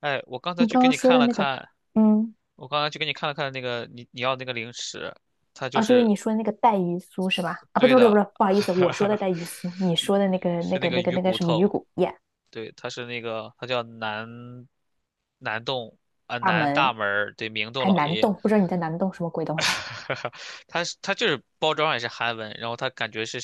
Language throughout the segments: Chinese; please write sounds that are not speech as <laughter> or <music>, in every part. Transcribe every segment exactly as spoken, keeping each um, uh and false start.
哎，我刚才你去刚给刚你说看的了那个，看，嗯，我刚才去给你看了看那个你你要那个零食，它就啊，就是是你说的那个带鱼酥是吧？啊，不对对不对不的，对，不好意思，我说的 <laughs> 带鱼酥，你说的那个那是那个个那个鱼那个骨什么鱼头。骨耶，对，它是那个它叫南南洞啊、大南大门，门儿。对，明洞还老爷南爷。洞，不知道你在南洞什么鬼东西？<laughs> 它是它就是包装上也是韩文，然后它感觉是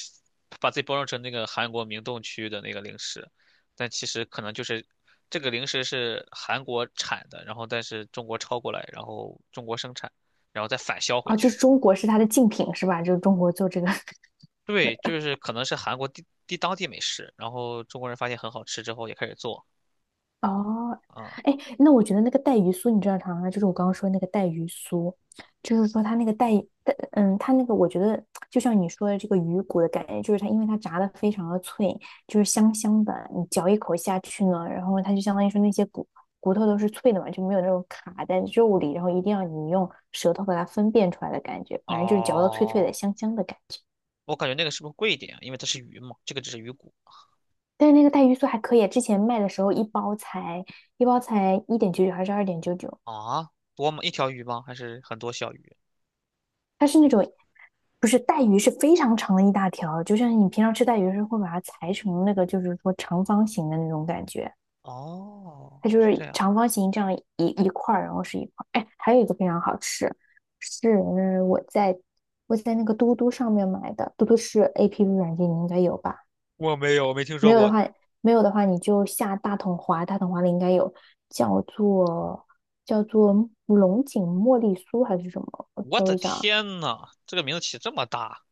把自己包装成那个韩国明洞区的那个零食，但其实可能就是这个零食是韩国产的，然后但是中国抄过来，然后中国生产，然后再返销回啊？就去。是中国是它的竞品是吧？就是中国做这个，对，就是可能是韩国地地当地美食，然后中国人发现很好吃之后也开始做哦，啊、哎，那我觉得那个带鱼酥，你知道啥吗？就是我刚刚说那个带鱼酥，就是说它那个带带，嗯，它那个我觉得就像你说的这个鱼骨的感觉，就是它因为它炸的非常的脆，就是香香的，你嚼一口下去呢，然后它就相当于说那些骨骨头都是脆的嘛，就没有那种卡在肉里，然后一定要你用舌头把它分辨出来的感觉，反正就是嚼到脆脆的、哦，香香的感觉。我感觉那个是不是贵一点啊？因为它是鱼嘛，这个只是鱼骨。但是那个带鱼酥还可以啊，之前卖的时候一包才一包才一点九九还是二点九九。啊，多吗？一条鱼吗？还是很多小鱼？它是那种不是带鱼，是非常长的一大条，就像你平常吃带鱼是会把它裁成那个，就是说长方形的那种感觉，哦，它就是这是样。长方形这样一一块儿，然后是一块儿。哎，还有一个非常好吃，是我在我在那个嘟嘟上面买的，嘟嘟是 A P P 软件，你应该有吧？我没有，我没听没说有的过。话，没有的话你就下大统华，大统华里应该有，叫做叫做龙井茉莉酥还是什么？我我搜的一下，天呐，这个名字起这么大，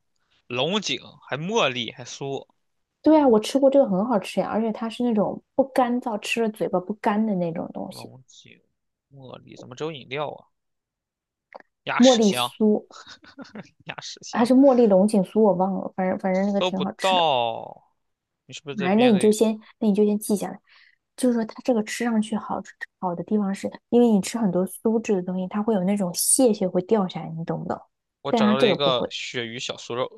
龙井还茉莉还酥。对啊，我吃过这个很好吃呀，而且它是那种不干燥，吃了嘴巴不干的那种东西，龙井、茉莉怎么只有饮料啊？鸭茉屎莉香，酥鸭屎还香，是茉莉龙井酥，我忘了，反正反正那个搜挺不好吃的。到。你是不是反在正那编你就的？先，那你就先记下来。就是说，它这个吃上去好好的地方是，因为你吃很多酥质的东西，它会有那种屑屑会掉下来，你懂不懂？我但找它到这了一个不个会。鳕鱼小酥肉。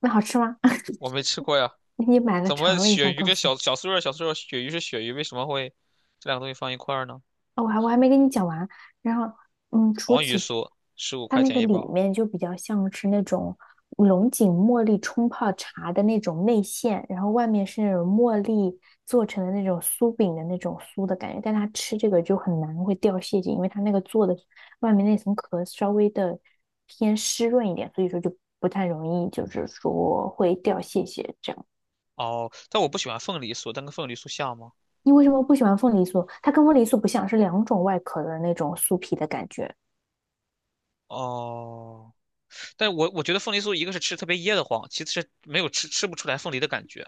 那好吃吗？<laughs> <laughs> 我没吃过呀。你买了怎尝么了一鳕下，鱼告跟诉我。小小酥肉、小酥肉，鳕鱼是鳕鱼，为什么会这两个东西放一块儿呢？哦，我还我还没跟你讲完。然后，嗯，除黄鱼此之，酥十五它块那钱个一里包。面就比较像是那种龙井茉莉冲泡茶的那种内馅，然后外面是那种茉莉做成的那种酥饼的那种酥的感觉。但它吃这个就很难会掉屑屑，因为它那个做的外面那层壳稍微的偏湿润一点，所以说就不太容易，就是说会掉屑屑这样。哦，但我不喜欢凤梨酥，但跟凤梨酥像吗？你为什么不喜欢凤梨酥？它跟凤梨酥不像，是两种外壳的那种酥皮的感觉。哦，但我我觉得凤梨酥一个是吃特别噎得慌，其次是没有吃吃不出来凤梨的感觉。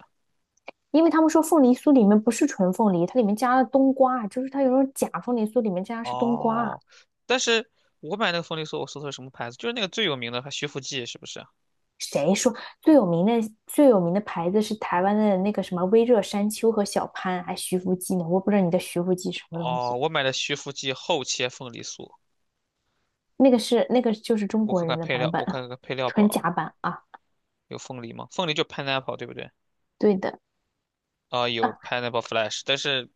因为他们说凤梨酥里面不是纯凤梨，它里面加了冬瓜，就是它有种假凤梨酥里面加的是冬瓜。哦，但是我买那个凤梨酥，我搜的是什么牌子？就是那个最有名的，还徐福记是不是？谁说最有名的最有名的牌子是台湾的那个什么微热山丘和小潘，还徐福记呢？我不知道你的徐福记什么东哦，西，我买的徐福记厚切凤梨酥，那个是那个就是中我国看看人的配版料，本，我 <laughs> 看看配料表纯啊，假版啊。有凤梨吗？凤梨就 pineapple 对不对？对的。啊、有 啊。pineapple flash,但是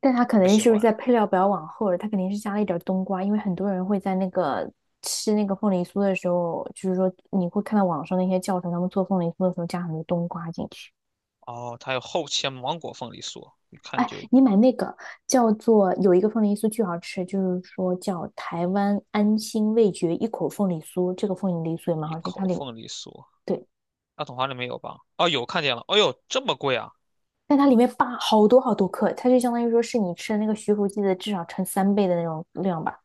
但它我肯不定喜是不是欢。在配料表往后了？它肯定是加了一点儿冬瓜，因为很多人会在那个吃那个凤梨酥的时候，就是说你会看到网上那些教程，他们做凤梨酥的时候加很多冬瓜进去。哦，它有厚切芒果凤梨酥，一看哎，就你买那个叫做有一个凤梨酥巨好吃，就是说叫台湾安心味觉一口凤梨酥，这个凤梨酥也蛮一好吃，它口里凤梨酥。对，大桶华里没有吧？哦，有看见了。哎呦，这么贵啊！但它里面扒好多好多克，它就相当于说是你吃的那个徐福记的至少乘三倍的那种量吧。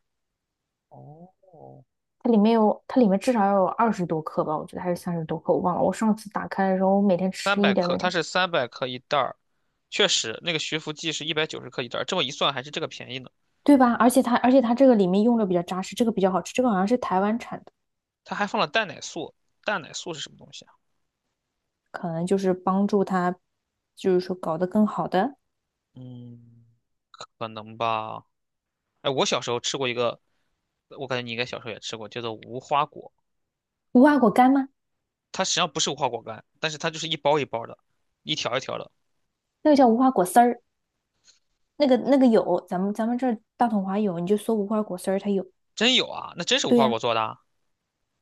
哦，它里面有，它里面至少要有二十多克吧，我觉得还是三十多克，我忘了。我上次打开的时候，我每天三吃百一点，克，每它天，是三百克一袋儿，确实那个徐福记是一百九十克一袋儿，这么一算还是这个便宜呢。对吧？而且它，而且它这个里面用的比较扎实，这个比较好吃，这个好像是台湾产的，它还放了蛋奶素，蛋奶素是什么东西啊？可能就是帮助它，就是说搞得更好的嗯，可能吧。哎，我小时候吃过一个，我感觉你应该小时候也吃过，叫做无花果。无花果干吗？它实际上不是无花果干，但是它就是一包一包的，一条一条的。那个叫无花果丝儿，那个那个有，咱们咱们这儿大统华有，你就搜无花果丝儿，它有。真有啊，那真是无对花呀、果做的啊，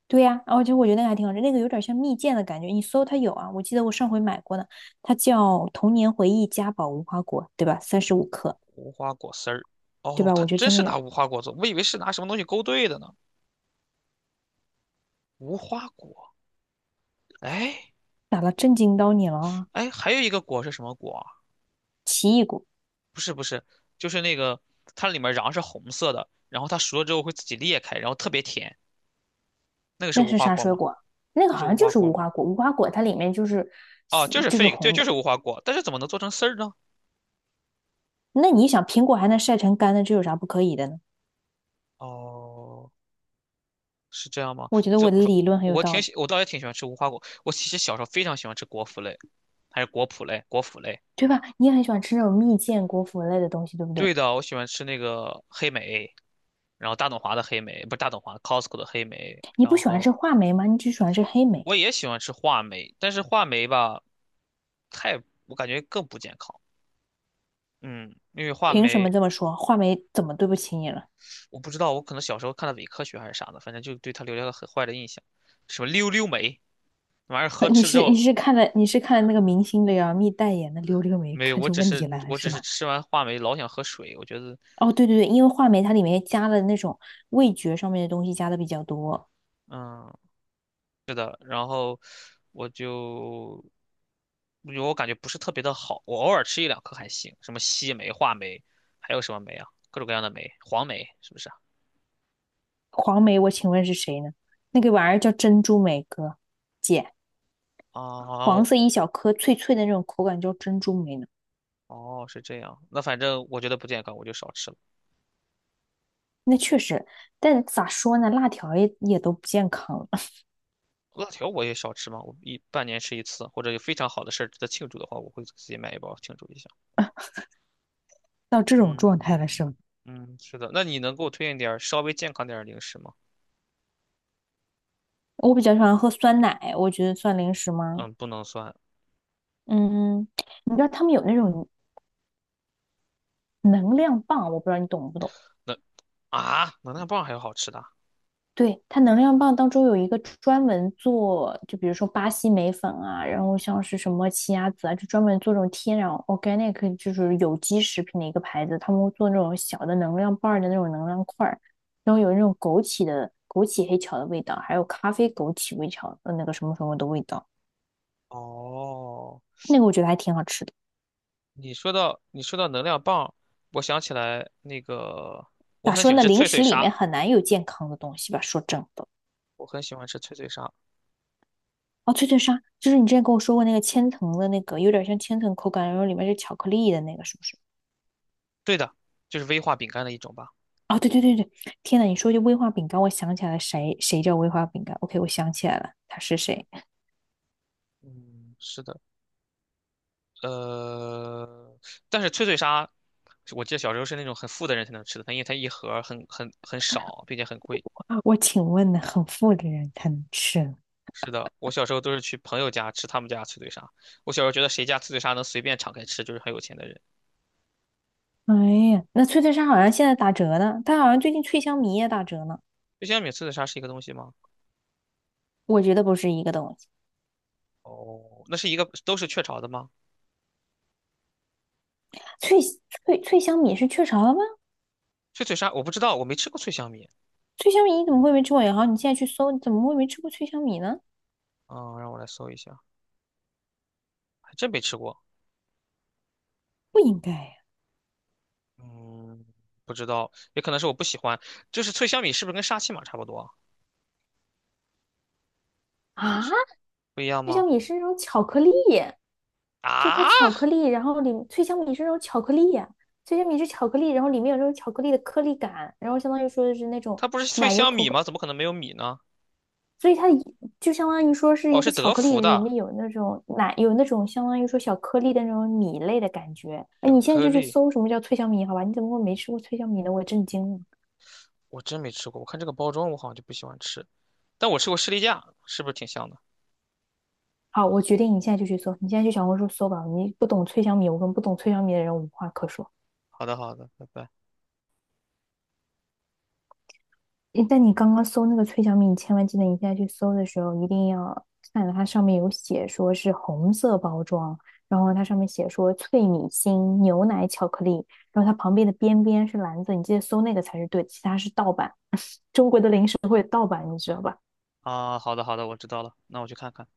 对呀、其实我觉得那个还挺好吃，那个有点像蜜饯的感觉，你搜它有啊，我记得我上回买过呢，它叫童年回忆嘉宝无花果，对吧？三十五克。无花果丝儿。对哦，吧？我它觉得真真是的拿有无花果做，我以为是拿什么东西勾兑的呢。无花果，哎。打了震惊到你了啊！哎，还有一个果是什么果啊？不是不是，就是那个它里面瓤是红色的，然后它熟了之后会自己裂开，然后特别甜。那个是那无是花啥果水吗？果啊？那个那是好像无就花是果无吗？花果，无花果它里面就是哦，就是 就是 fig,对，红就的。是无花果。但是怎么能做成丝儿呢？那你想，苹果还能晒成干的，这有啥不可以的呢？哦，是这样吗？我觉得这我的理论很有我道挺理，喜，我倒也挺喜欢吃无花果。我其实小时候非常喜欢吃果脯类，还是果脯类，果脯类。对吧？你也很喜欢吃那种蜜饯、果脯类的东西，对不对？对的，我喜欢吃那个黑莓，然后大董华的黑莓，不是大董华，Costco 的黑莓，你不然喜欢吃后话梅吗？你只喜欢吃黑莓，我也喜欢吃话梅，但是话梅吧，太，我感觉更不健康。嗯，因为话凭什么梅，这么说？话梅怎么对不起你了？我不知道，我可能小时候看的伪科学还是啥的，反正就对它留下了很坏的印象。什么溜溜梅，那玩意儿喝 <laughs> 你吃了之是后你是看了你是看了那个明星的呀，蜜代言的溜溜梅没有，看我出只问题是来了我只是是吧？吃完话梅老想喝水，我觉得，哦，对对对，因为话梅它里面加了那种味觉上面的东西加的比较多。嗯，呃然后我就，我我感觉不是特别的好，我偶尔吃一两颗还行。什么西梅、话梅，还有什么梅啊？各种各样的梅，黄梅是不是啊？黄梅，我请问是谁呢？那个玩意儿叫珍珠梅哥，姐，啊，黄色一小颗，脆脆的那种口感叫珍珠梅呢。哦，是这样。那反正我觉得不健康，我就少吃了。那确实，但咋说呢，辣条也也都不健康了 <laughs> 辣条我也少吃嘛，我一半年吃一次，或者有非常好的事儿值得庆祝的话，我会自己买一包庆祝一下。到这种状态了是嗯，吗？嗯，是的。那你能给我推荐点儿稍微健康点儿的零食吗？我比较喜欢喝酸奶，我觉得算零食吗？嗯，不能算。嗯，嗯你知道他们有那种能量棒，我不知道你懂不懂。那啊，能量棒还有好吃的？对，它能量棒当中有一个专门做，就比如说巴西莓粉啊，然后像是什么奇亚籽啊，就专门做这种天然 organic，就是有机食品的一个牌子，他们会做那种小的能量棒儿的那种能量块儿，然后有那种枸杞的枸杞黑巧的味道，还有咖啡枸杞微巧的那个什么什么的味道，哦，那个我觉得还挺好吃的。你说到你说到能量棒，我想起来那个，我咋很喜说欢呢，吃零脆脆食里面鲨，很难有健康的东西吧，说真的。我很喜欢吃脆脆鲨。哦，脆脆鲨，就是你之前跟我说过那个千层的那个，有点像千层口感，然后里面是巧克力的那个，是不是？对的，就是威化饼干的一种吧。哦，对对对对，天呐，你说这威化饼干，我想起来了，谁谁叫威化饼干？OK，我想起来了，他是谁？嗯，是的。呃，但是脆脆鲨，我记得小时候是那种很富的人才能吃的，它因为它一盒儿很很很少，并且很贵。我请问呢，很富的人才能吃。是的，我小时候都是去朋友家吃他们家脆脆鲨。我小时候觉得谁家脆脆鲨能随便敞开吃，就是很有钱的人。哎呀，那脆脆鲨好像现在打折呢，它好像最近脆香米也打折呢。脆香米脆脆鲨是一个东西吗？我觉得不是一个东西，哦，那是一个都是雀巢的吗？脆脆脆香米是雀巢的吗？脆脆鲨我不知道，我没吃过脆香米。脆香米你怎么会没吃过？也好，你现在去搜，你怎么会没吃过脆香米呢？嗯，让我来搜一下，还真没吃过。不应该呀！嗯，不知道，也可能是我不喜欢。就是脆香米是不是跟沙琪玛差不多啊，啊，不一样脆吗？香米是那种巧克力，就是它啊？巧克力，然后里脆香米是那种巧克力脆香米是巧克力，然后里面有那种巧克力的颗粒感，然后相当于说是那种它不是脆奶油香口米感，吗？怎么可能没有米呢？所以它一就相当于说是哦，一是个巧德克芙力里的面有那种奶，有那种相当于说小颗粒的那种米类的感觉。哎，巧你现在克就去力，搜什么叫脆香米，好吧？你怎么会没吃过脆香米呢？我震惊了。我真没吃过。我看这个包装，我好像就不喜欢吃，但我吃过士力架，是不是挺香的？好，我决定你现在就去搜，你现在去小红书搜吧。你不懂脆香米，我跟不懂脆香米的人无话可说。好的，好的，拜拜。诶但你刚刚搜那个脆小米，你千万记得，你现在去搜的时候一定要看它上面有写说是红色包装，然后它上面写说脆米心、牛奶巧克力，然后它旁边的边边是蓝色，你记得搜那个才是对的，其他是盗版。吧？啊，好的，好的，我知道了，那我去看看。